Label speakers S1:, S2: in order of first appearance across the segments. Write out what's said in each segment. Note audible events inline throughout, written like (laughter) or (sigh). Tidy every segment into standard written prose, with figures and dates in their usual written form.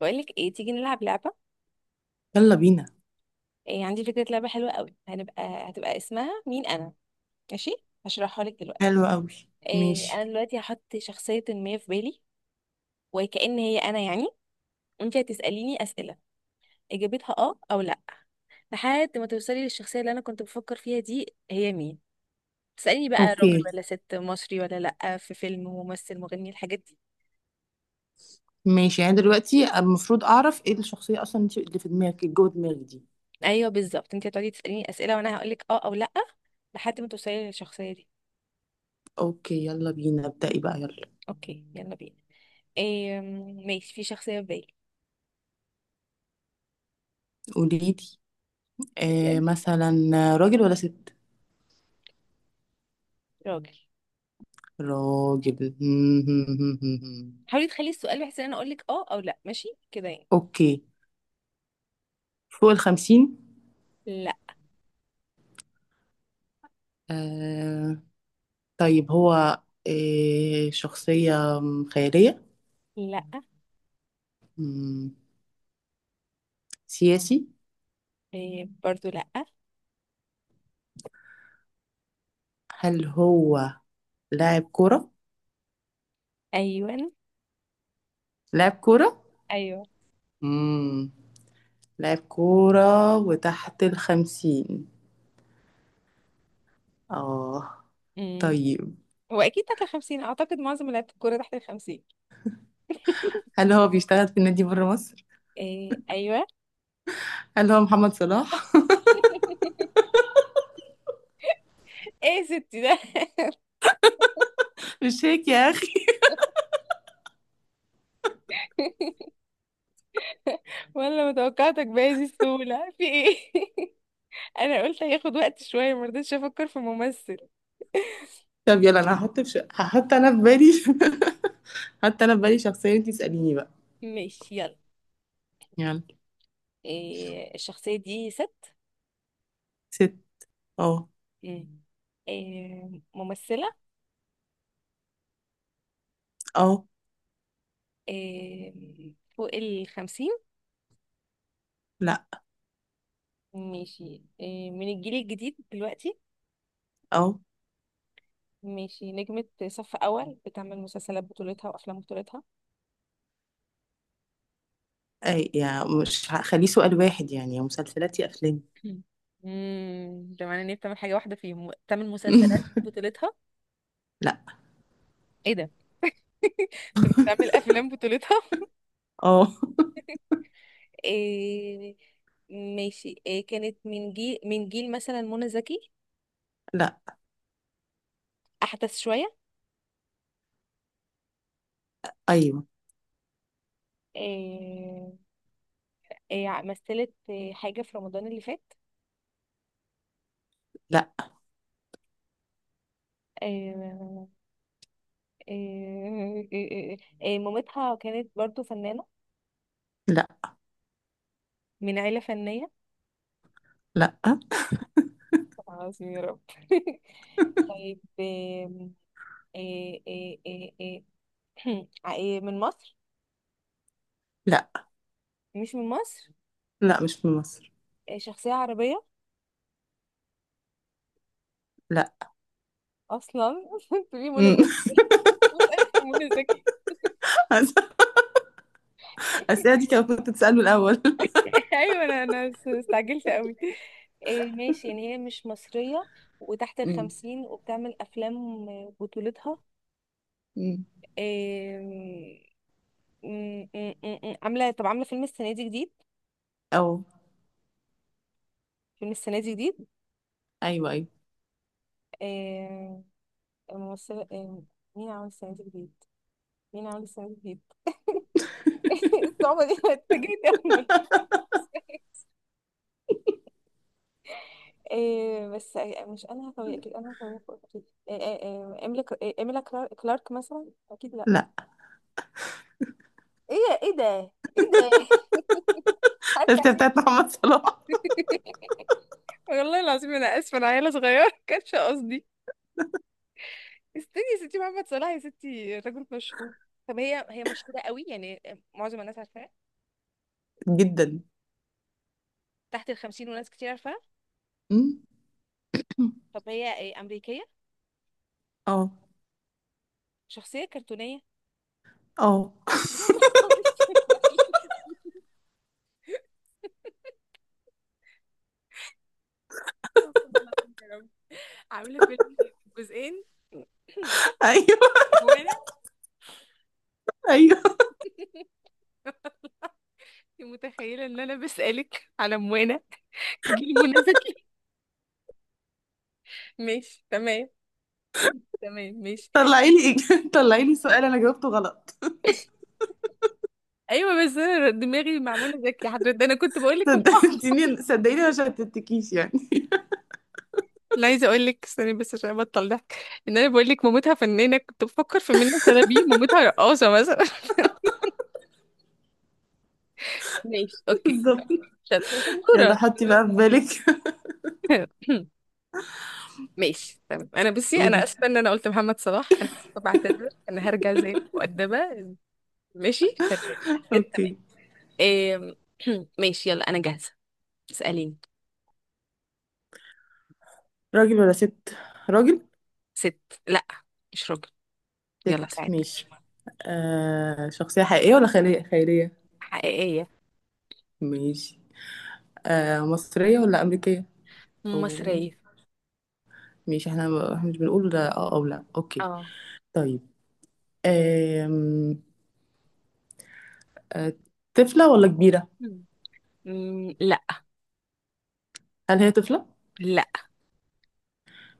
S1: بقولك ايه، تيجي نلعب لعبة.
S2: يلا بينا.
S1: إيه عندي فكرة لعبة حلوة قوي، هتبقى اسمها مين انا. ماشي. هشرحها لك دلوقتي.
S2: حلو قوي.
S1: إيه،
S2: ماشي.
S1: انا دلوقتي هحط شخصية ما في بالي، وكأن هي انا يعني. وانت هتسأليني أسئلة اجابتها اه او لا، لحد ما توصلي للشخصية اللي انا كنت بفكر فيها دي هي مين. تسأليني بقى راجل
S2: اوكي
S1: ولا ست، مصري ولا لا، في فيلم، ممثل، مغني، الحاجات دي.
S2: ماشي، يعني دلوقتي المفروض اعرف ايه الشخصية اصلا، انت اللي في دماغك، اللي جوه دماغك دي.
S1: ايوه بالظبط، انت هتقعدي تسأليني أسئلة وانا هقولك اه او لا لحد ما توصلي للشخصية دي.
S2: اوكي يلا بينا، ابدأي بقى يلا.
S1: اوكي يلا بينا. إيه، ماشي، في شخصية في بالي.
S2: قولي لي. آه
S1: اسألي.
S2: مثلا راجل ولا ست؟
S1: راجل.
S2: راجل (laughs)
S1: حاولي تخلي السؤال بحيث ان انا اقول لك اه او لا، ماشي كده يعني.
S2: اوكي، فوق 50؟
S1: لا،
S2: آه، طيب هو آه شخصية خيالية؟
S1: لا.
S2: مم، سياسي؟
S1: إيه برضو لا.
S2: هل هو لاعب كرة؟
S1: ايوه،
S2: لاعب كرة.
S1: ايوه.
S2: مم. لاعب كورة وتحت 50، اه.
S1: امم
S2: طيب
S1: هو اكيد تحت الخمسين، اعتقد معظم لعيبه الكوره تحت الخمسين.
S2: هل هو بيشتغل في النادي بره مصر؟
S1: إيه ايوه. (laughs)
S2: هل هو محمد صلاح؟
S1: ايه يا ستي ده.
S2: (laughs) مش هيك يا أخي.
S1: (laughs) ولا متوقعتك بهذه السهوله، في ايه. (laughs) انا قلت هياخد وقت شويه، ما رضيتش افكر في ممثل.
S2: طب يلا أنا هحط في هحط أنا في بالي (laughs) حتى أنا في بالي شخصية، أنتي اسأليني بقى
S1: ماشي يلا.
S2: يلا.
S1: إيه، الشخصيه دي ست؟
S2: ست. اه.
S1: مم. إيه، ممثله؟
S2: اه.
S1: إيه، فوق الخمسين؟
S2: لا.
S1: ماشي، من الجيل الجديد دلوقتي؟
S2: اه.
S1: ماشي، نجمة صف أول بتعمل مسلسلات بطولتها وأفلام بطولتها؟
S2: أي يعني مش هخليه سؤال واحد يعني، يا مسلسلات يا أفلام
S1: (laughs) ده معناه ان هي بتعمل حاجة واحدة فيهم، بتعمل مسلسلات
S2: (laughs)
S1: بطولتها؟
S2: لا.
S1: ايه ده. (laughs) طب بتعمل أفلام بطولتها؟
S2: اه.
S1: (laughs) إيه. ماشي، إيه، كانت من جيل مثلا منى زكي؟
S2: لا.
S1: أحدث شوية؟
S2: أيوه.
S1: إيه. مثلت حاجة في رمضان اللي فات؟
S2: لا.
S1: إيه إيه، مامتها كانت برضو فنانة؟
S2: لا.
S1: من عيلة فنية؟
S2: لا أه؟
S1: طبعا، عظيم يا رب. (laughs) طيب آم، آه، آه، آه، آه، (clears throat) آه، من مصر؟
S2: لا.
S1: مش من مصر.
S2: لا مش من مصر.
S1: شخصية عربية؟
S2: لا
S1: أصلا. (laughs) تقولي منى
S2: (laughs)
S1: زكي، (laughs) بسألك في منى زكي.
S2: الأسئلة
S1: (laughs)
S2: دي كان كنت تسأله الأول (laughs)
S1: أيوة، أنا استعجلت قوي. ماشي، يعني هي مش مصرية وتحت
S2: امم.
S1: الخمسين وبتعمل أفلام بطولتها.
S2: امم.
S1: آم، م- م- م- م- عاملة، طب عاملة فيلم السنة دي جديد؟
S2: أو.
S1: فيلم السنة دي
S2: أيوه أيوه.
S1: جديد. الممثلة. مين عامل السنة دي جديد؟ مين عامل السنة دي جديد؟ (laughs) الصعوبة دي أنا اتفاجئت. أول. بس مش أنا هتوي، أكيد أنا هتوي فوق أكيد. إيه إيميلي كلا-، إيميلا كلارك مثلا، أكيد لأ.
S2: لا
S1: إيه. إيه ده؟ إيه ده؟ (laughs)
S2: (laughs)
S1: عارفة
S2: الأسئلة
S1: إحساس-.
S2: بتاعت محمد صلاح.
S1: (laughs) والله العظيم انا اسفه، انا عيله صغيره، (laughs) كانش قصدي. استني يا ستي، محمد صلاح يا ستي راجل مشهور. طب، هي مشهوره قوي يعني؟ معظم الناس عارفاها.
S2: جدا.
S1: تحت الخمسين وناس كتير عارفاها.
S2: امم.
S1: طب هي امريكيه؟
S2: اه.
S1: شخصيه كرتونيه؟
S2: اه
S1: (laughs) يا نهار اسود بعيد. استغفر الله العظيم يا رب. عاملة فيلم جزئين؟ (laughs) (clears throat)
S2: (laughs) أيوه
S1: موانا.
S2: أيوه.
S1: انت متخيلة ان انا بسألك على موانا؟ جيل منى زكي. (laughs) ماشي تمام. تمام ماشي.
S2: طلعي لي (laughs) طلعي لي سؤال أنا جاوبته غلط.
S1: (laughs) ايوه، بس انا دماغي مع منى زكي حضرتك، ده انا كنت بقول لكم اه.
S2: صدقتيني، صدقيني ما شتتكيش يعني.
S1: لا، (laughs) عايزه اقول لك استني بس عشان ابطل ضحك، ان انا بقول لك مامتها فنانه كنت بفكر في منى شلبي، مامتها رقاصه مثلا. (laughs) ماشي
S2: (laughs)
S1: اوكي.
S2: بالظبط.
S1: شاطره
S2: يلا
S1: شطوره.
S2: حطي بقى في بالك
S1: (laughs) ماشي تمام، انا
S2: (laughs)
S1: بصي، انا
S2: قولي.
S1: اسفه ان انا قلت محمد صلاح، انا اسفه، بعتذر، انا هرجع زي المؤدبه. ماشي تمام. تمام.
S2: أوكي.
S1: إيه. (clears throat) ماشي يلا، انا جاهزه. اساليني.
S2: راجل ولا ست؟ راجل؟
S1: ست، لا، مش راجل. يلا
S2: ست
S1: ساعتك مش
S2: ماشي.
S1: مهم.
S2: آه شخصية حقيقية ولا خيالية؟ خيالية؟
S1: حقيقيه.
S2: ماشي. آه، مصرية ولا أمريكية؟ أو،
S1: مصريه.
S2: ماشي احنا احنا مش بنقول ده اه او لا، اوكي.
S1: اه.
S2: طيب آم... آه، طفلة ولا كبيرة؟
S1: مم، مم، لا.
S2: هل هي طفلة؟
S1: لا.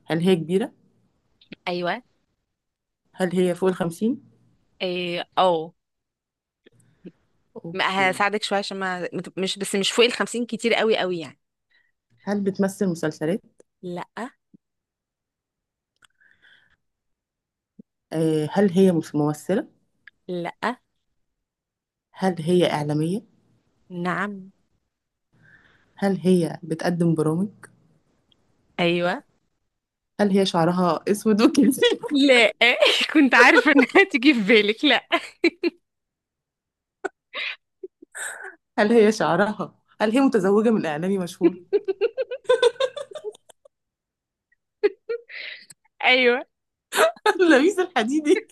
S2: هل هي كبيرة؟
S1: ايوه.
S2: هل هي فوق 50؟
S1: اه. ما
S2: اوكي.
S1: هساعدك شويه، عشان ما مش، بس مش فوق الخمسين كتير قوي قوي يعني.
S2: هل بتمثل مسلسلات؟
S1: لا.
S2: آه، هل هي ممثلة؟
S1: لا.
S2: هل هي إعلامية؟
S1: نعم.
S2: هل هي بتقدم برامج؟
S1: ايوه.
S2: هل هي شعرها أسود وكده؟ (laughs)
S1: لا. (laughs) كنت عارفة انها تيجي في بالك، لا.
S2: هل هي شعرها؟ هل هي متزوجة من إعلامي مشهور؟
S1: (laughs) ايوه.
S2: (laughs) لبيب الحديدي.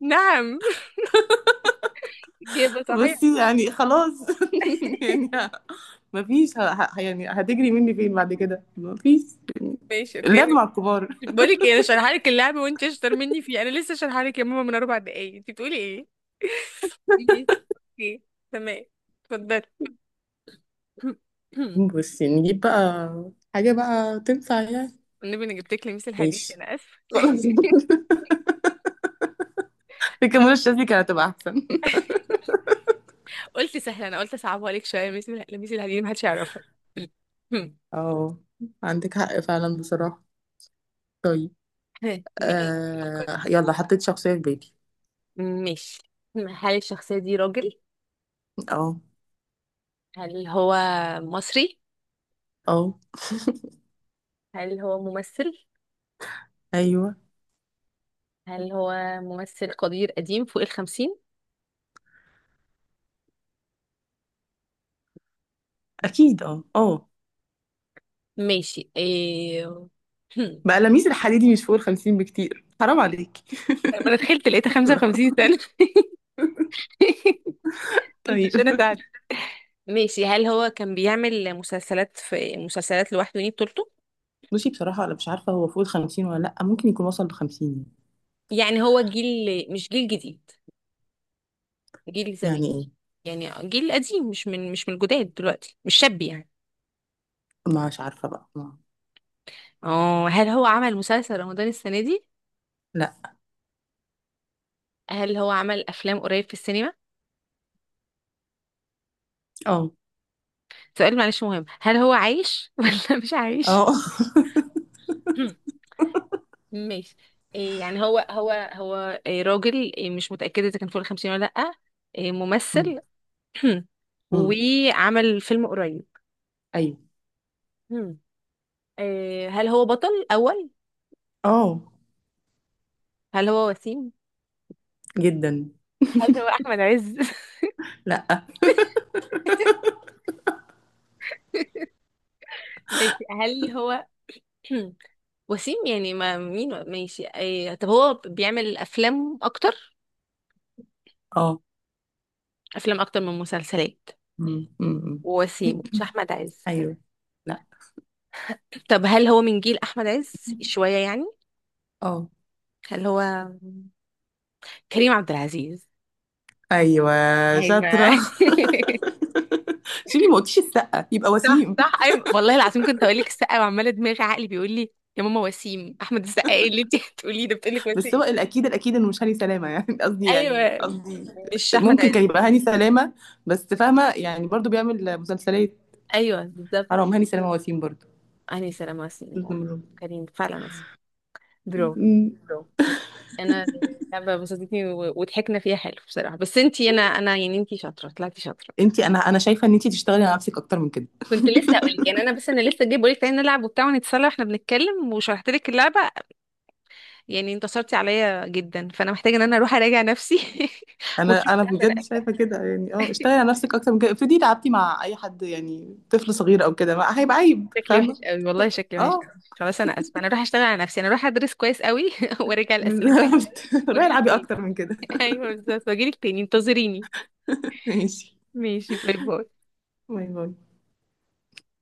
S1: نعم. إجابة صحيحة.
S2: بصي يعني خلاص (laughs) يعني مفيش يعني هتجري مني فين بعد كده؟ مفيش يعني.
S1: ماشي اوكي.
S2: اللعب مع الكبار.
S1: بقول لك ايه، انا شارحه لك اللعبة وانت اشطر مني فيه، انا لسه شارحه لك يا ماما من 4 دقايق، انت بتقولي ايه؟ (laughs) ليه؟ اوكي، تمام، اتفضلي. (clears throat) (coughs)
S2: بصي نجيب بقى حاجة بقى تنفع يعني.
S1: والنبي انا جبت لك لميس الحديد،
S2: ماشي
S1: انا اسفة.
S2: خلاص (laughs) الكاميرا الشاذلي كانت هتبقى أحسن.
S1: (laughs) قلت سهلة، انا قلت اصعبها لك شوية، لميس الحديد محدش يعرفها. (clears throat) (laughs)
S2: اه، عندك حق فعلا بصراحة. طيب آه... يلا حطيت شخصية في بالي.
S1: ماشي. ماشي، هل الشخصية دي راجل؟
S2: اه.
S1: هل هو مصري؟
S2: اه.
S1: هل هو ممثل؟
S2: ايوه.
S1: هل هو ممثل قدير قديم فوق الخمسين؟
S2: اكيد اه اه.
S1: ماشي. إيه... هم.
S2: بقى لميس الحديدي مش فوق 50 بكتير، حرام عليك
S1: لما انا دخلت لقيتها
S2: (laughs) يلا
S1: 55 سنة. (laughs) قلت
S2: طيب.
S1: عشان اساعدك. ماشي، هل هو كان بيعمل مسلسلات، في مسلسلات لوحده دي بطولته؟
S2: بصي بصراحة أنا مش عارفة هو فوق 50 ولا لأ، ممكن يكون وصل ل50.
S1: يعني هو جيل، مش جيل جديد، جيل زمان.
S2: يعني إيه.
S1: يعني جيل قديم، مش من الجداد دلوقتي، مش شاب يعني.
S2: مش عارفة بقى ما.
S1: اه، هل هو عمل مسلسل رمضان السنة دي؟
S2: لأ.
S1: هل هو عمل افلام قريب في السينما؟
S2: اه.
S1: سؤال معلش مهم، هل هو عايش (laughs) ولا مش عايش؟
S2: اه (laughs)
S1: (clears throat) ماشي. إيه، يعني هو إيه، راجل، إيه، مش متأكدة إذا كان فوق الخمسين ولا لأ. إيه،
S2: أمم،
S1: ممثل. (clears throat)
S2: أمم،
S1: وعمل فيلم قريب.
S2: أيوه.
S1: مم. إيه، هل هو بطل أول؟
S2: اه.
S1: هل هو وسيم؟
S2: جدا.
S1: هل هو أحمد عز؟
S2: لأ.
S1: (laughs) ماشي. هل هو (clears throat) وسيم يعني، ما مين، ماشي، إيه، طب هو بيعمل أفلام أكتر؟
S2: اه.
S1: أفلام أكتر من مسلسلات.
S2: أمم، أمم،
S1: وسيم مش أحمد عز.
S2: أيوه. لأ.
S1: طب هل هو من جيل احمد عز شويه يعني؟
S2: اه.
S1: هل هو كريم عبد العزيز؟
S2: أيوه.
S1: ايوه. (laughs)
S2: شاطرة (laughs) شيلي ما قلتيش السقة يبقى
S1: صح
S2: وسيم.
S1: صح ايوه، والله العظيم كنت هقول لك السقا، وعماله دماغي عقلي بيقول لي يا ماما وسيم احمد السقا، ايه اللي انت (laughs) هتقوليه، ده بتقول لك
S2: بس
S1: وسيم.
S2: هو الأكيد الأكيد إنه مش هاني سلامة يعني (laughs) قصدي يعني
S1: ايوه،
S2: قصدي
S1: مش احمد
S2: ممكن
S1: عز.
S2: كان يبقى هاني سلامة، بس فاهمة يعني برضو بيعمل مسلسلات.
S1: ايوه بالظبط،
S2: حرام هاني سلامة وسيم برضو.
S1: انا سلام وسيم،
S2: النمرود.
S1: كريم فعلا وسيم. برافو.
S2: امم.
S1: برافو. انا، اللعبه بسطتني وضحكنا فيها حلو بصراحه، بس انتي، انا، يعني انتي شاطره، طلعتي شاطره.
S2: انت انا انا شايفه ان انت تشتغلي على نفسك اكتر من كده.
S1: كنت لسه اقول لك يعني، انا بس انا لسه جاي بقول لك تعالي نلعب وبتاع ونتسلى واحنا بنتكلم، وشرحت لك اللعبه. يعني انتصرتي عليا جدا، فانا محتاجه ان انا اروح اراجع نفسي (laughs) واشوف
S2: انا
S1: اللعبه، انا
S2: بجد شايفه
S1: قفلتها.
S2: كده يعني، اه اشتغلي على نفسك اكتر من كده، افرضي تعبتي مع اي حد يعني طفل صغير او كده، ما هيبقى عيب
S1: شكلي وحش
S2: فاهمه.
S1: قوي والله، شكلي وحش
S2: اه
S1: قوي، خلاص انا اسفه، انا اروح اشتغل على نفسي، انا اروح ادرس كويس قوي (laughs) وارجع
S2: (laughs)
S1: الاسئله كويس
S2: بالظبط.
S1: قوي.
S2: روحي
S1: واجيلك
S2: العبي
S1: تاني.
S2: اكتر من كده.
S1: (laughs) ايوه بالظبط، واجيلك تاني، انتظريني.
S2: (laughs) ماشي.
S1: ماشي، باي باي.
S2: باي باي.